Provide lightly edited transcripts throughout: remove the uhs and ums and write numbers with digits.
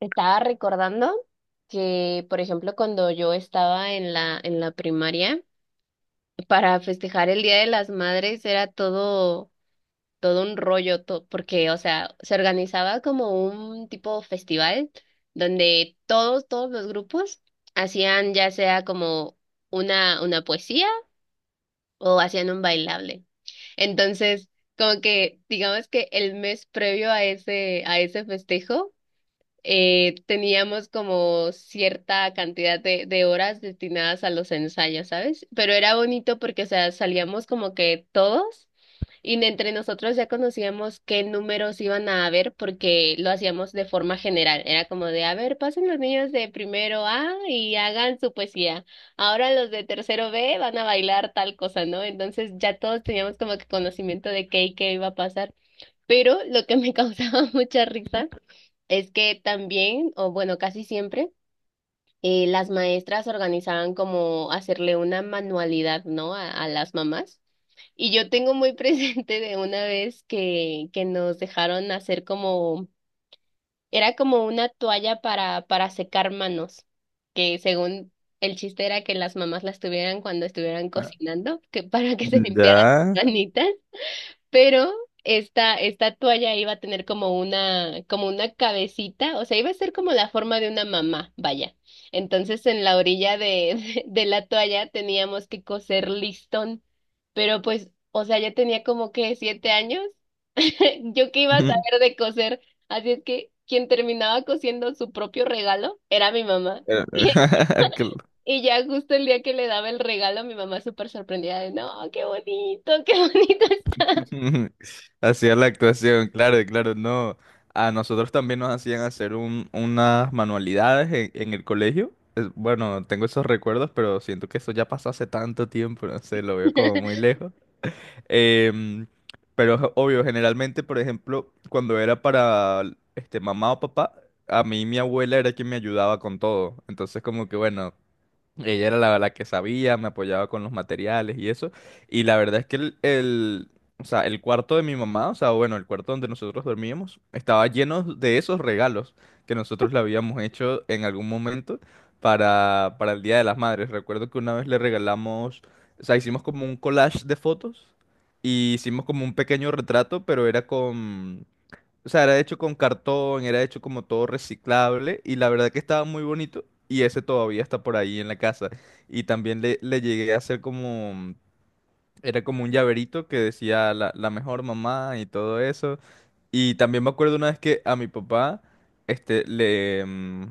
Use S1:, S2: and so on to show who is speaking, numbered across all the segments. S1: Estaba recordando que, por ejemplo, cuando yo estaba en la primaria, para festejar el Día de las Madres era todo un rollo, porque, o sea, se organizaba como un tipo festival donde todos los grupos hacían ya sea como una poesía o hacían un bailable. Entonces, como que, digamos que el mes previo a ese festejo, teníamos como cierta cantidad de horas destinadas a los ensayos, ¿sabes? Pero era bonito porque, o sea, salíamos como que todos y de entre nosotros ya conocíamos qué números iban a haber porque lo hacíamos de forma general. Era como de, a ver, pasen los niños de primero A y hagan su poesía. Ahora los de tercero B van a bailar tal cosa, ¿no? Entonces ya todos teníamos como que conocimiento de qué y qué iba a pasar. Pero lo que me causaba mucha risa es que también, o bueno, casi siempre, las maestras organizaban como hacerle una manualidad, ¿no? A las mamás. Y yo tengo muy presente de una vez que nos dejaron hacer como, era como una toalla para secar manos, que según el chiste era que las mamás las tuvieran cuando estuvieran
S2: Ah.
S1: cocinando, que para que se limpiaran
S2: Ya.
S1: las manitas. Pero esta toalla iba a tener como una cabecita, o sea, iba a ser como la forma de una mamá, vaya. Entonces, en la orilla de, de, la toalla teníamos que coser listón, pero pues, o sea, ya tenía como que 7 años. Yo que iba a
S2: Ujú.
S1: saber de coser, así es que quien terminaba cosiendo su propio regalo era mi mamá.
S2: Pero- Cl-
S1: Y ya justo el día que le daba el regalo, mi mamá súper sorprendida de, no, qué bonito, qué bonito.
S2: Hacía la actuación, claro, claro, no. A nosotros también nos hacían hacer unas manualidades en el colegio. Bueno, tengo esos recuerdos, pero siento que eso ya pasó hace tanto tiempo, no sé, lo veo como muy lejos. Em, pero es obvio, generalmente, por ejemplo, cuando era para mamá o papá, a mí mi abuela era quien me ayudaba con todo. Entonces, como que bueno. Ella era la que sabía, me apoyaba con los materiales y eso. Y la verdad es que o sea, el cuarto de mi mamá, o sea, bueno, el cuarto donde nosotros dormíamos, estaba lleno de esos regalos que nosotros le habíamos hecho en algún momento para el Día de las Madres. Recuerdo que una vez le regalamos, o sea, hicimos como un collage de fotos y hicimos como un pequeño retrato, pero o sea, era hecho con cartón, era hecho como todo reciclable y la verdad que estaba muy bonito y ese todavía está por ahí en la casa. Y también le llegué a hacer como, era como un llaverito que decía la mejor mamá y todo eso. Y también me acuerdo una vez que a mi papá, este, le, mm,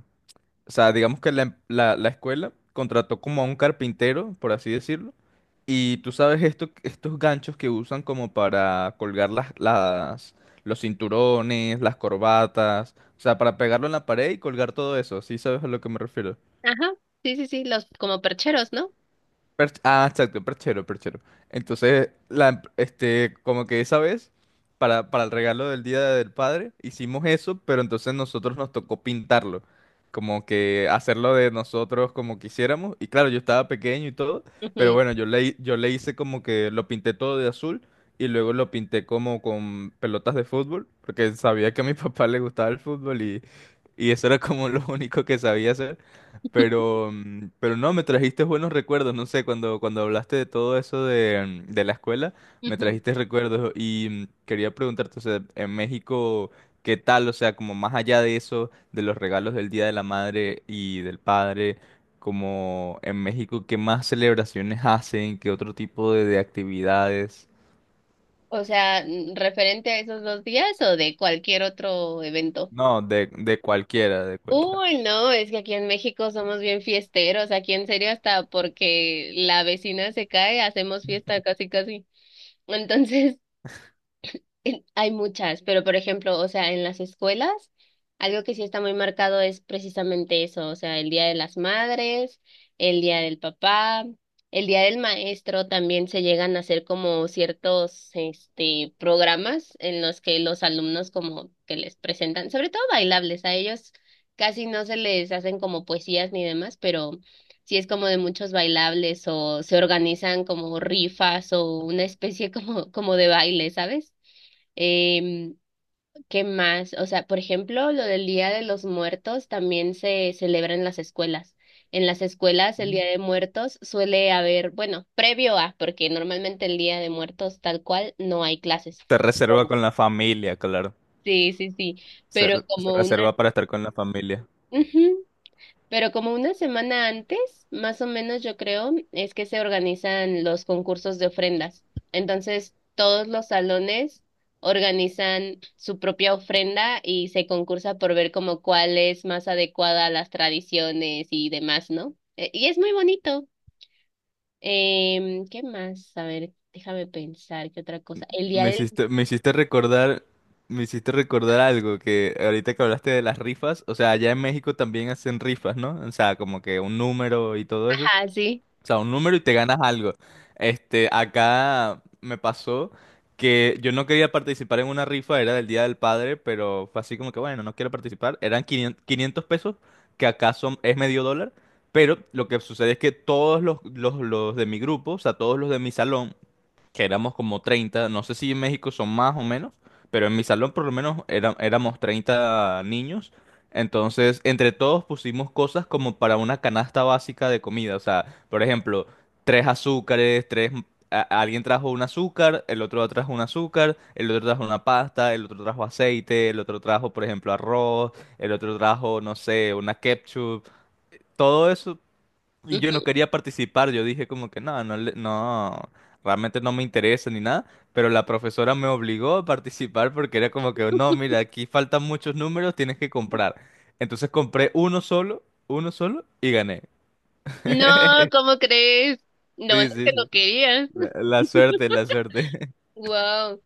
S2: o sea, digamos que la, em- la la escuela contrató como a un carpintero, por así decirlo y tú sabes esto, estos ganchos que usan como para colgar los cinturones, las corbatas, o sea, para pegarlo en la pared y colgar todo eso, ¿sí sabes a lo que me refiero?
S1: Ajá, sí, sí, sí, los como percheros, ¿no?
S2: Ah, exacto, perchero, perchero. Entonces, como que esa vez, para el regalo del Día del Padre, hicimos eso, pero entonces nosotros nos tocó pintarlo. Como que hacerlo de nosotros como quisiéramos. Y claro, yo estaba pequeño y todo, pero
S1: Ujú,
S2: bueno, yo le hice como que lo pinté todo de azul y luego lo pinté como con pelotas de fútbol, porque sabía que a mi papá le gustaba el fútbol y eso era como lo único que sabía hacer. Pero no, me trajiste buenos recuerdos, no sé, cuando hablaste de todo eso de la escuela, me
S1: ujú.
S2: trajiste recuerdos y quería preguntarte, o sea, en México, ¿qué tal? O sea, como más allá de eso, de los regalos del Día de la Madre y del Padre, como en México, ¿qué más celebraciones hacen? ¿Qué otro tipo de actividades?
S1: O sea, referente a esos dos días o de cualquier otro evento.
S2: No, de cualquiera, de cualquiera.
S1: Uy, no, es que aquí en México somos bien fiesteros, aquí en serio hasta porque la vecina se cae, hacemos fiesta casi casi. Entonces, hay muchas, pero por ejemplo, o sea, en las escuelas, algo que sí está muy marcado es precisamente eso, o sea, el Día de las Madres, el Día del Papá, el Día del Maestro también se llegan a hacer como ciertos, este, programas en los que los alumnos como que les presentan, sobre todo bailables, a ellos casi no se les hacen como poesías ni demás, pero sí es como de muchos bailables o se organizan como rifas o una especie como, como de baile, ¿sabes? Em, ¿Qué más? O sea, por ejemplo, lo del Día de los Muertos también se celebra en las escuelas. En las escuelas el
S2: Mm.
S1: Día de Muertos suele haber, bueno, previo a, porque normalmente el Día de Muertos tal cual no hay clases.
S2: Se reserva
S1: Oh.
S2: con la familia, claro.
S1: Sí, sí, sí,
S2: Se,
S1: pero
S2: re- se
S1: como una...
S2: reserva para estar con la familia.
S1: Ujú. Pero como una semana antes, más o menos yo creo, es que se organizan los concursos de ofrendas. Entonces, todos los salones organizan su propia ofrenda y se concursa por ver como cuál es más adecuada a las tradiciones y demás, ¿no? Y es muy bonito. ¿Qué más? A ver, déjame pensar, ¿qué otra cosa? El día
S2: Me
S1: del...
S2: hiciste, me hiciste recordar, me hiciste recordar algo que ahorita que hablaste de las rifas, o sea, allá en México también hacen rifas, ¿no? O sea, como que un número y todo eso.
S1: Ajá, sí.
S2: O sea, un número y te ganas algo. Este, acá me pasó que yo no quería participar en una rifa, era del Día del Padre, pero fue así como que, bueno, no quiero participar. Eran 500 pesos, que acá son, es medio dólar. Pero lo que sucede es que todos los de mi grupo, o sea, todos los de mi salón, que éramos como 30 no sé si en México son más o menos, pero en mi salón por lo menos éramos 30 niños. Entonces, entre todos pusimos cosas como para una canasta básica de comida. O sea, por ejemplo, tres azúcares, tres... alguien trajo un azúcar, el otro trajo un azúcar, el otro trajo una pasta, el otro trajo aceite, el otro trajo, por ejemplo, arroz, el otro trajo, no sé, una ketchup. Todo eso, y yo no
S1: Ujú.
S2: quería participar, yo dije como que no, no, no, realmente no me interesa ni nada, pero la profesora me obligó a participar porque era como que no, mira, aquí faltan muchos números, tienes que comprar. Entonces compré uno solo y gané.
S1: No, ¿cómo crees? No, es
S2: Sí, sí,
S1: que no
S2: sí.
S1: querías.
S2: La suerte, la suerte.
S1: Wow.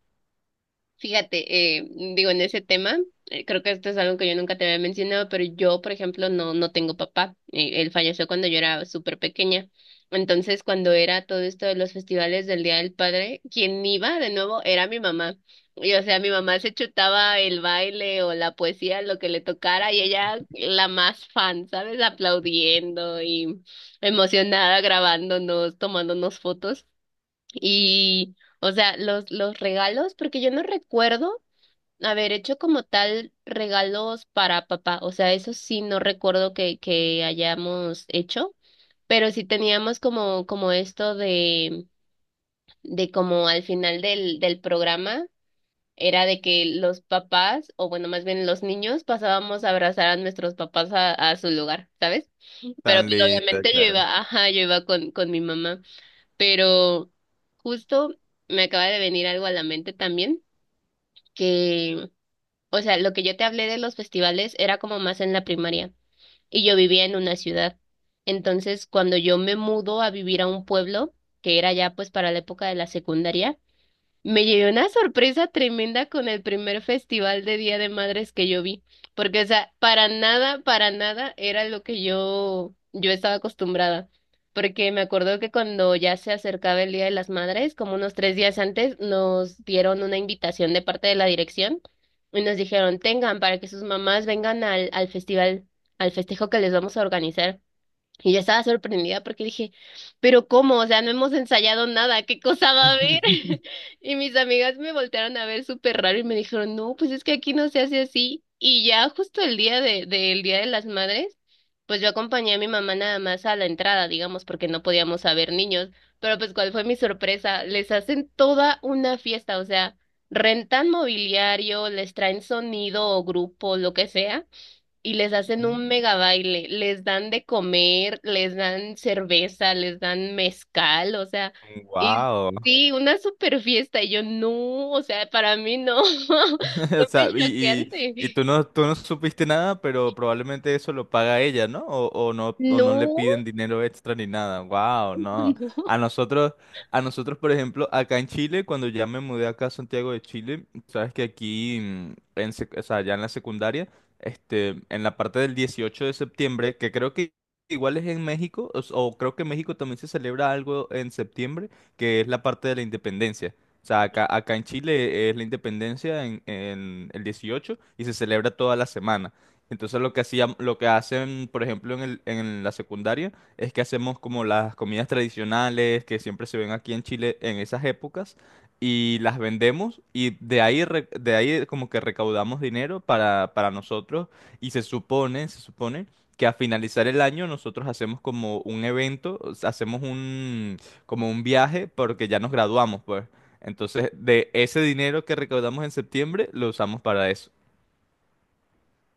S1: Fíjate, digo, en ese tema, creo que esto es algo que yo nunca te había mencionado, pero yo, por ejemplo, no, no tengo papá. Él falleció cuando yo era súper pequeña. Entonces, cuando era todo esto de los festivales del Día del Padre, quien iba de nuevo era mi mamá. Y, o sea, mi mamá se chutaba el baile o la poesía, lo que le tocara, y ella la más fan, ¿sabes? Aplaudiendo y emocionada, grabándonos, tomándonos fotos. Y, o sea, los regalos, porque yo no recuerdo haber hecho como tal regalos para papá. O sea, eso sí no recuerdo que hayamos hecho, pero sí teníamos como, como esto de como al final del programa, era de que los papás, o bueno, más bien los niños, pasábamos a abrazar a nuestros papás a su lugar, ¿sabes? Pero
S2: Tan
S1: pues
S2: linda,
S1: obviamente yo
S2: claro.
S1: iba, ajá, yo iba con mi mamá. Pero justo me acaba de venir algo a la mente también, que, o sea, lo que yo te hablé de los festivales era como más en la primaria y yo vivía en una ciudad. Entonces, cuando yo me mudo a vivir a un pueblo, que era ya pues para la época de la secundaria, me llevé una sorpresa tremenda con el primer festival de Día de Madres que yo vi, porque, o sea, para nada era lo que yo estaba acostumbrada, porque me acuerdo que cuando ya se acercaba el Día de las Madres, como unos 3 días antes, nos dieron una invitación de parte de la dirección y nos dijeron, tengan para que sus mamás vengan al, al festival, al festejo que les vamos a organizar. Y yo estaba sorprendida porque dije, pero ¿cómo? O sea, no hemos ensayado nada, ¿qué cosa va a haber? Y mis amigas me voltearon a ver súper raro y me dijeron, no, pues es que aquí no se hace así. Y ya justo el día de, del Día de las Madres, pues yo acompañé a mi mamá nada más a la entrada, digamos, porque no podíamos haber niños. Pero pues cuál fue mi sorpresa, les hacen toda una fiesta, o sea, rentan mobiliario, les traen sonido o grupo, lo que sea y les hacen un mega baile, les dan de comer, les dan cerveza, les dan mezcal, o sea, y
S2: Wow.
S1: sí, una super fiesta, y yo no, o sea, para mí no,
S2: O
S1: fue
S2: sea,
S1: muy
S2: y,
S1: choqueante.
S2: tú no supiste nada, pero probablemente eso lo paga ella, ¿no? O no le
S1: No,
S2: piden dinero extra ni nada. Wow, no.
S1: no.
S2: A nosotros, a nosotros, por ejemplo, acá en Chile, cuando ya me mudé acá a Santiago de Chile, sabes que aquí, o sea, ya en la secundaria, este, en la parte del 18 de septiembre, que creo que igual es en México, o creo que en México también se celebra algo en septiembre, que es la parte de la independencia. O sea, acá, acá en Chile es la independencia en el 18 y se celebra toda la semana. Entonces lo que hacían, lo que hacen, por ejemplo, en la secundaria es que hacemos como las comidas tradicionales que siempre se ven aquí en Chile en esas épocas y las vendemos y de ahí como que recaudamos dinero para nosotros y se supone que a finalizar el año nosotros hacemos como un evento, o sea, hacemos un, como un viaje porque ya nos graduamos, pues. Entonces, de ese dinero que recaudamos en septiembre, lo usamos para eso.